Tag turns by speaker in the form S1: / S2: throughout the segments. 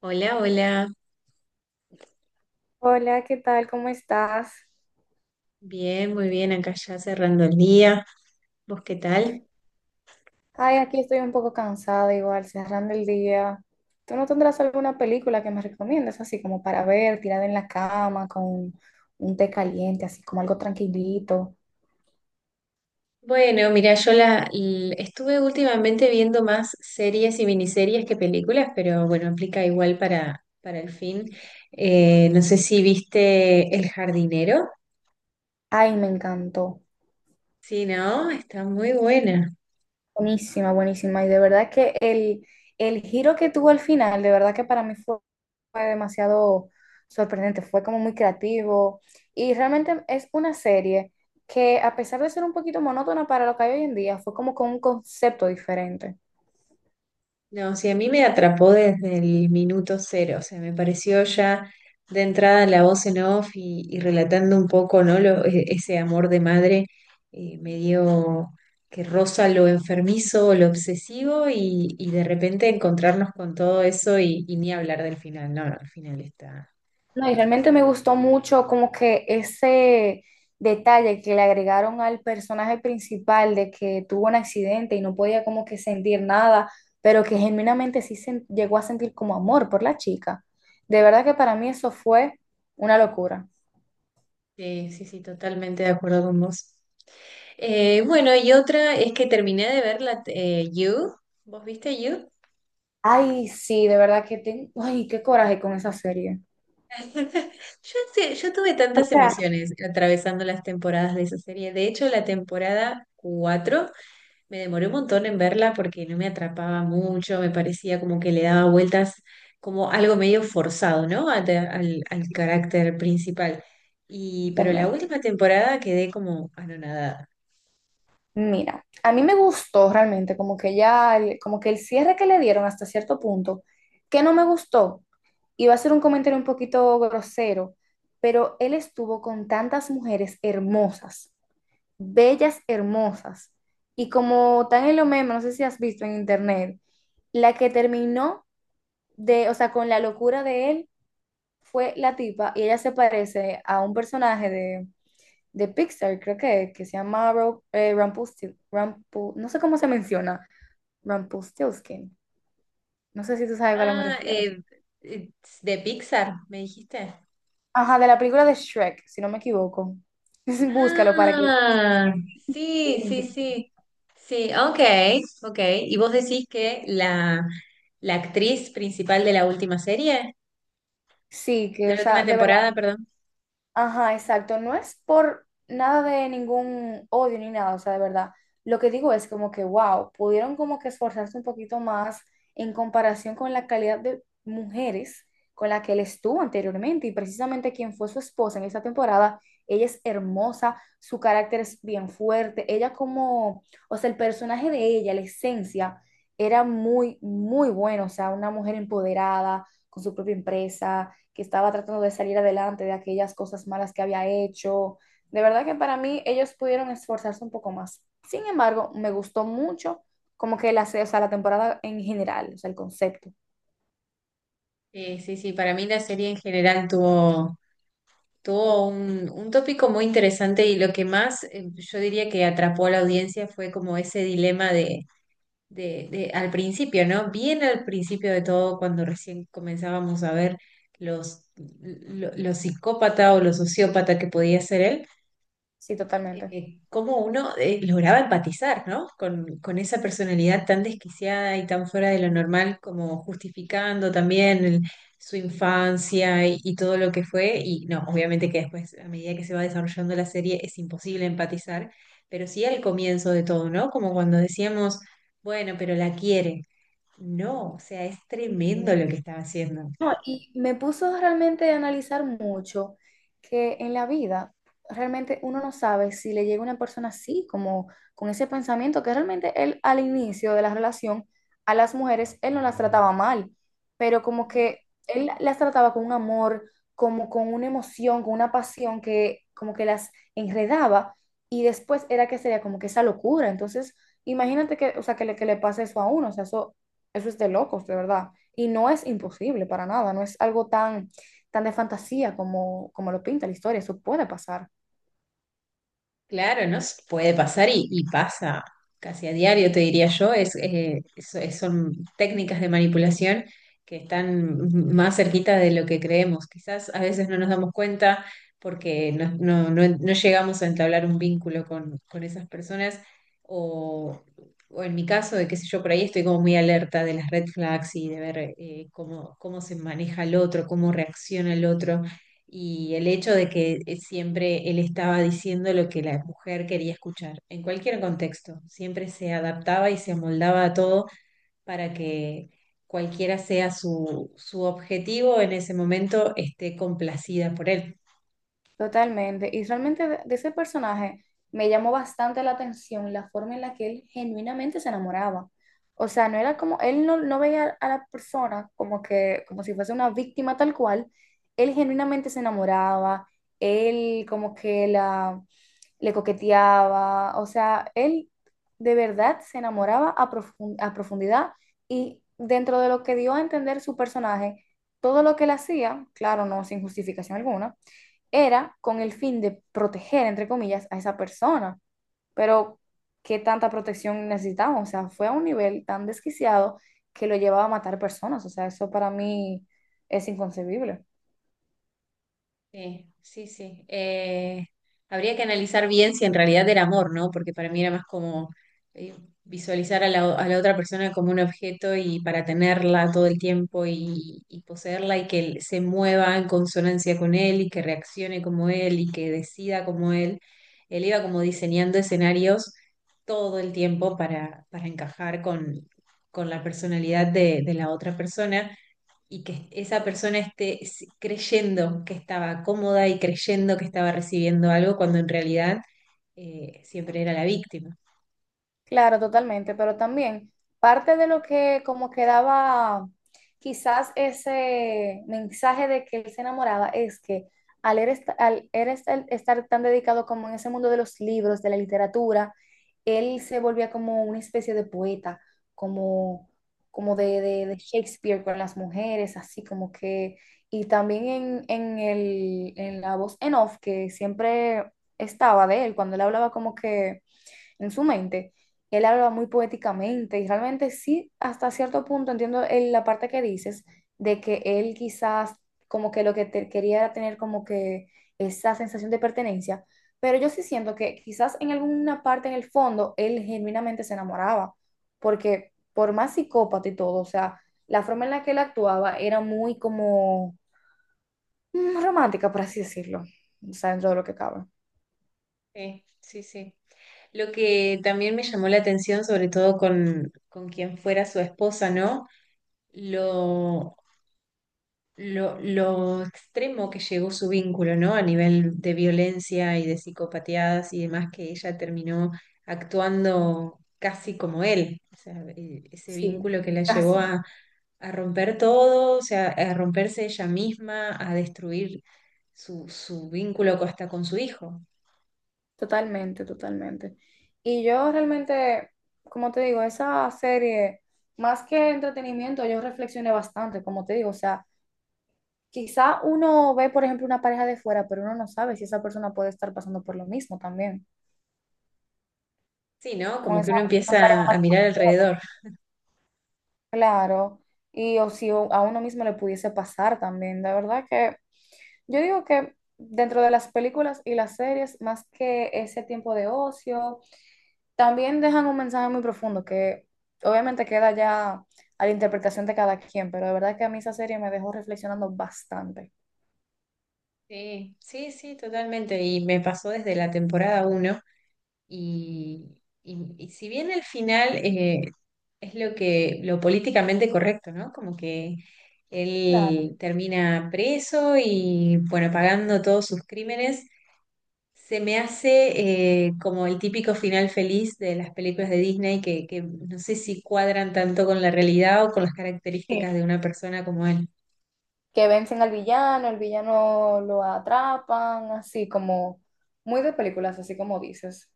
S1: Hola, hola.
S2: Hola, ¿qué tal? ¿Cómo estás?
S1: Bien, muy bien. Acá ya cerrando el día. ¿Vos qué tal?
S2: Ay, aquí estoy un poco cansada igual, cerrando el día. ¿Tú no tendrás alguna película que me recomiendes, así como para ver, tirada en la cama, con un té caliente, así como algo tranquilito?
S1: Bueno, mira, yo estuve últimamente viendo más series y miniseries que películas, pero bueno, aplica igual para el fin. No sé si viste El jardinero.
S2: Ay, me encantó.
S1: Sí, ¿no? Está muy buena.
S2: Buenísima, buenísima. Y de verdad que el giro que tuvo al final, de verdad que para mí fue, fue demasiado sorprendente, fue como muy creativo. Y realmente es una serie que a pesar de ser un poquito monótona para lo que hay hoy en día, fue como con un concepto diferente.
S1: No, sí, a mí me atrapó desde el minuto cero, o sea, me pareció ya de entrada la voz en off y relatando un poco, ¿no? Ese amor de madre, medio que roza lo enfermizo, lo obsesivo y de repente encontrarnos con todo eso, y ni hablar del final. No, no, el final está.
S2: No, y realmente me gustó mucho como que ese detalle que le agregaron al personaje principal de que tuvo un accidente y no podía como que sentir nada, pero que genuinamente llegó a sentir como amor por la chica. De verdad que para mí eso fue una locura.
S1: Sí, sí, sí, totalmente de acuerdo con vos. Bueno, y otra es que terminé de ver la You. ¿Vos viste You?
S2: Ay, sí, de verdad que tengo, ay, qué coraje con esa serie.
S1: Yo tuve
S2: O
S1: tantas
S2: sea,
S1: emociones atravesando las temporadas de esa serie. De hecho, la temporada 4 me demoré un montón en verla porque no me atrapaba mucho, me parecía como que le daba vueltas como algo medio forzado, ¿no? Al carácter principal. Pero la
S2: totalmente.
S1: última temporada quedé como anonadada.
S2: Mira, a mí me gustó realmente, como que ya, como que el cierre que le dieron hasta cierto punto, que no me gustó, iba a ser un comentario un poquito grosero, pero él estuvo con tantas mujeres hermosas, bellas, hermosas, y como tan en lo meme, no sé si has visto en internet, la que terminó de, o sea, con la locura de él fue la tipa, y ella se parece a un personaje de Pixar, creo que se llama no sé cómo se menciona, Rumpelstiltskin. No sé si tú sabes a cuál me
S1: Ah,
S2: refiero.
S1: eh, de Pixar, me dijiste.
S2: Ajá, de la película de Shrek, si no me equivoco. Búscalo para que...
S1: Ah, sí, sí, sí. Sí, ok, ok. ¿Y vos decís que la actriz principal de la última serie,
S2: Sí,
S1: de
S2: que, o
S1: la última
S2: sea, de verdad.
S1: temporada, perdón?
S2: Ajá, exacto. No es por nada de ningún odio ni nada, o sea, de verdad. Lo que digo es como que, wow, pudieron como que esforzarse un poquito más en comparación con la calidad de mujeres con la que él estuvo anteriormente. Y precisamente quien fue su esposa en esta temporada, ella es hermosa, su carácter es bien fuerte. Ella como, o sea, el personaje de ella, la esencia, era muy, muy bueno. O sea, una mujer empoderada, con su propia empresa que estaba tratando de salir adelante de aquellas cosas malas que había hecho. De verdad que para mí ellos pudieron esforzarse un poco más. Sin embargo, me gustó mucho como que la, o sea, la temporada en general, o sea, el concepto.
S1: Sí, sí, sí. Para mí la serie en general tuvo un tópico muy interesante y lo que más, yo diría que atrapó a la audiencia fue como ese dilema al principio, ¿no? Bien al principio de todo, cuando recién comenzábamos a ver los psicópata o los sociópata que podía ser él,
S2: Sí, totalmente.
S1: cómo uno, lograba empatizar, ¿no? Con esa personalidad tan desquiciada y tan fuera de lo normal, como justificando también su infancia y todo lo que fue. Y no, obviamente que después, a medida que se va desarrollando la serie, es imposible empatizar, pero sí al comienzo de todo, ¿no? Como cuando decíamos. Bueno, pero la quiere. No, o sea, es
S2: Sí.
S1: tremendo lo que están haciendo.
S2: No, y me puso realmente a analizar mucho que en la vida realmente uno no sabe si le llega una persona así, como con ese pensamiento, que realmente él al inicio de la relación a las mujeres, él no las trataba mal, pero como que él las trataba con un amor, como con una emoción, con una pasión que como que las enredaba y después era que sería como que esa locura. Entonces, imagínate que, o sea, que le pase eso a uno, o sea, eso es de locos, de verdad. Y no es imposible para nada, no es algo tan, tan de fantasía como, como lo pinta la historia, eso puede pasar.
S1: Claro, no S- puede pasar y pasa casi a diario, te diría yo. Son técnicas de manipulación que están más cerquita de lo que creemos. Quizás a veces no nos damos cuenta porque no llegamos a entablar un vínculo con esas personas. O, o en mi caso, de qué sé yo, por ahí estoy como muy alerta de las red flags y de ver, cómo se maneja el otro, cómo reacciona el otro y el hecho de que, siempre él estaba diciendo lo que la mujer quería escuchar, en cualquier contexto, siempre se adaptaba y se amoldaba a todo para que cualquiera sea su objetivo en ese momento esté complacida por él.
S2: Totalmente. Y realmente de ese personaje me llamó bastante la atención la forma en la que él genuinamente se enamoraba. O sea, no era como, él no, no veía a la persona como que, como si fuese una víctima tal cual. Él genuinamente se enamoraba, él como que la, le coqueteaba. O sea, él de verdad se enamoraba a profundidad y dentro de lo que dio a entender su personaje, todo lo que él hacía, claro, no sin justificación alguna era con el fin de proteger, entre comillas, a esa persona. Pero, ¿qué tanta protección necesitamos? O sea, fue a un nivel tan desquiciado que lo llevaba a matar personas. O sea, eso para mí es inconcebible.
S1: Sí, sí, sí. Habría que analizar bien si en realidad era amor, ¿no? Porque para mí era más como, eh, visualizar a la otra persona como un objeto y para tenerla todo el tiempo, y poseerla y que él se mueva en consonancia con él y que reaccione como él y que decida como él. Él iba como diseñando escenarios todo el tiempo para encajar con la personalidad de la otra persona y que esa persona esté creyendo que estaba cómoda y creyendo que estaba recibiendo algo cuando en realidad, siempre era la víctima.
S2: Claro, totalmente, pero también parte de lo que como quedaba quizás ese mensaje de que él se enamoraba es que al, él est- al él estar tan dedicado como en ese mundo de los libros, de la literatura, él se volvía como una especie de poeta, como,
S1: Ujú.
S2: de Shakespeare con las mujeres, así como que, y también en la voz en off que siempre estaba de él, cuando él hablaba como que en su mente. Él habla muy poéticamente y realmente sí, hasta cierto punto entiendo la parte que dices de que él quizás como que quería era tener como que esa sensación de pertenencia, pero yo sí siento que quizás en alguna parte en el fondo él genuinamente se enamoraba, porque por más psicópata y todo, o sea, la forma en la que él actuaba era muy como romántica, por así decirlo, o sea, dentro de lo que cabe.
S1: Sí, sí, sí. Lo que también me llamó la atención, sobre todo con quien fuera su esposa, ¿no? Lo, lo extremo que llegó su vínculo, ¿no? A nivel de violencia y de psicopatías y demás, que ella terminó actuando casi como él. O sea, ese
S2: Sí,
S1: vínculo que la llevó
S2: así.
S1: a romper todo, o sea, a romperse ella misma, a destruir su vínculo hasta con su hijo.
S2: Totalmente, totalmente. Y yo realmente, como te digo, esa serie, más que entretenimiento, yo reflexioné bastante, como te digo, o sea, quizá uno ve, por ejemplo, una pareja de fuera, pero uno no sabe si esa persona puede estar pasando por lo mismo también,
S1: Sí, ¿no?
S2: con
S1: Como que
S2: esa
S1: uno
S2: una pareja
S1: empieza a mirar
S2: manipuladora.
S1: alrededor.
S2: Claro, y o si o- a uno mismo le pudiese pasar también, de verdad que yo digo que dentro de las películas y las series, más que ese tiempo de ocio, también dejan un mensaje muy profundo que obviamente queda ya a la interpretación de cada quien, pero de verdad que a mí esa serie me dejó reflexionando bastante.
S1: Sí, sí, sí, totalmente. Y me pasó desde la temporada uno, y si bien el final, es lo políticamente correcto, ¿no? Como que
S2: Claro.
S1: él termina preso y, bueno, pagando todos sus crímenes. Se me hace, como el típico final feliz de las películas de Disney que no sé si cuadran tanto con la realidad o con las características
S2: Sí.
S1: de una persona como él.
S2: Que vencen al villano, el villano lo atrapan, así como muy de películas, así como dices.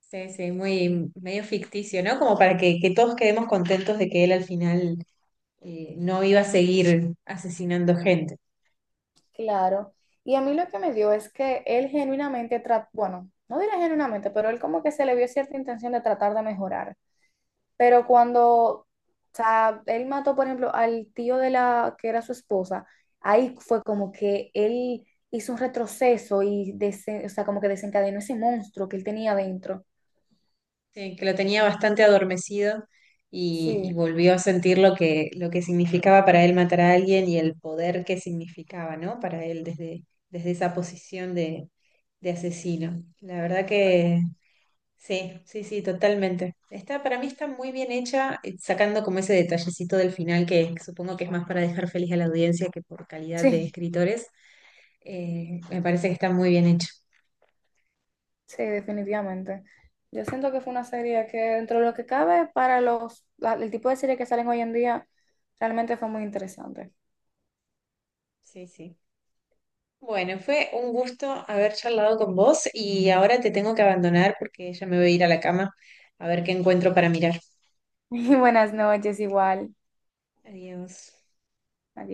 S1: Sí, sí, muy medio ficticio, ¿no? Como para que todos quedemos contentos de que él al final, no iba a seguir asesinando gente.
S2: Claro. Y a mí lo que me dio es que él genuinamente trató, bueno, no diré genuinamente, pero él como que se le vio cierta intención de tratar de mejorar. Pero cuando, o sea, él mató, por ejemplo, al tío de la que era su esposa, ahí fue como que él hizo un retroceso o sea, como que desencadenó ese monstruo que él tenía dentro.
S1: Sí, que lo tenía bastante adormecido y
S2: Sí.
S1: volvió a sentir lo que significaba para él matar a alguien y el poder que significaba, ¿no? Para él desde esa posición de asesino. La verdad que sí, sí, sí, totalmente. Para mí está muy bien hecha, sacando como ese detallecito del final que supongo que es más para dejar feliz a la audiencia que por calidad de
S2: Sí,
S1: escritores. Me parece que está muy bien hecho.
S2: sí, definitivamente. Yo siento que fue una serie que dentro de lo que cabe para el tipo de serie que salen hoy en día, realmente fue muy interesante.
S1: Sí, sí. Bueno, fue un gusto haber charlado con vos y ahora te tengo que abandonar porque ya me voy a ir a la cama a ver qué encuentro para mirar.
S2: Y buenas noches igual.
S1: Adiós.
S2: Adiós.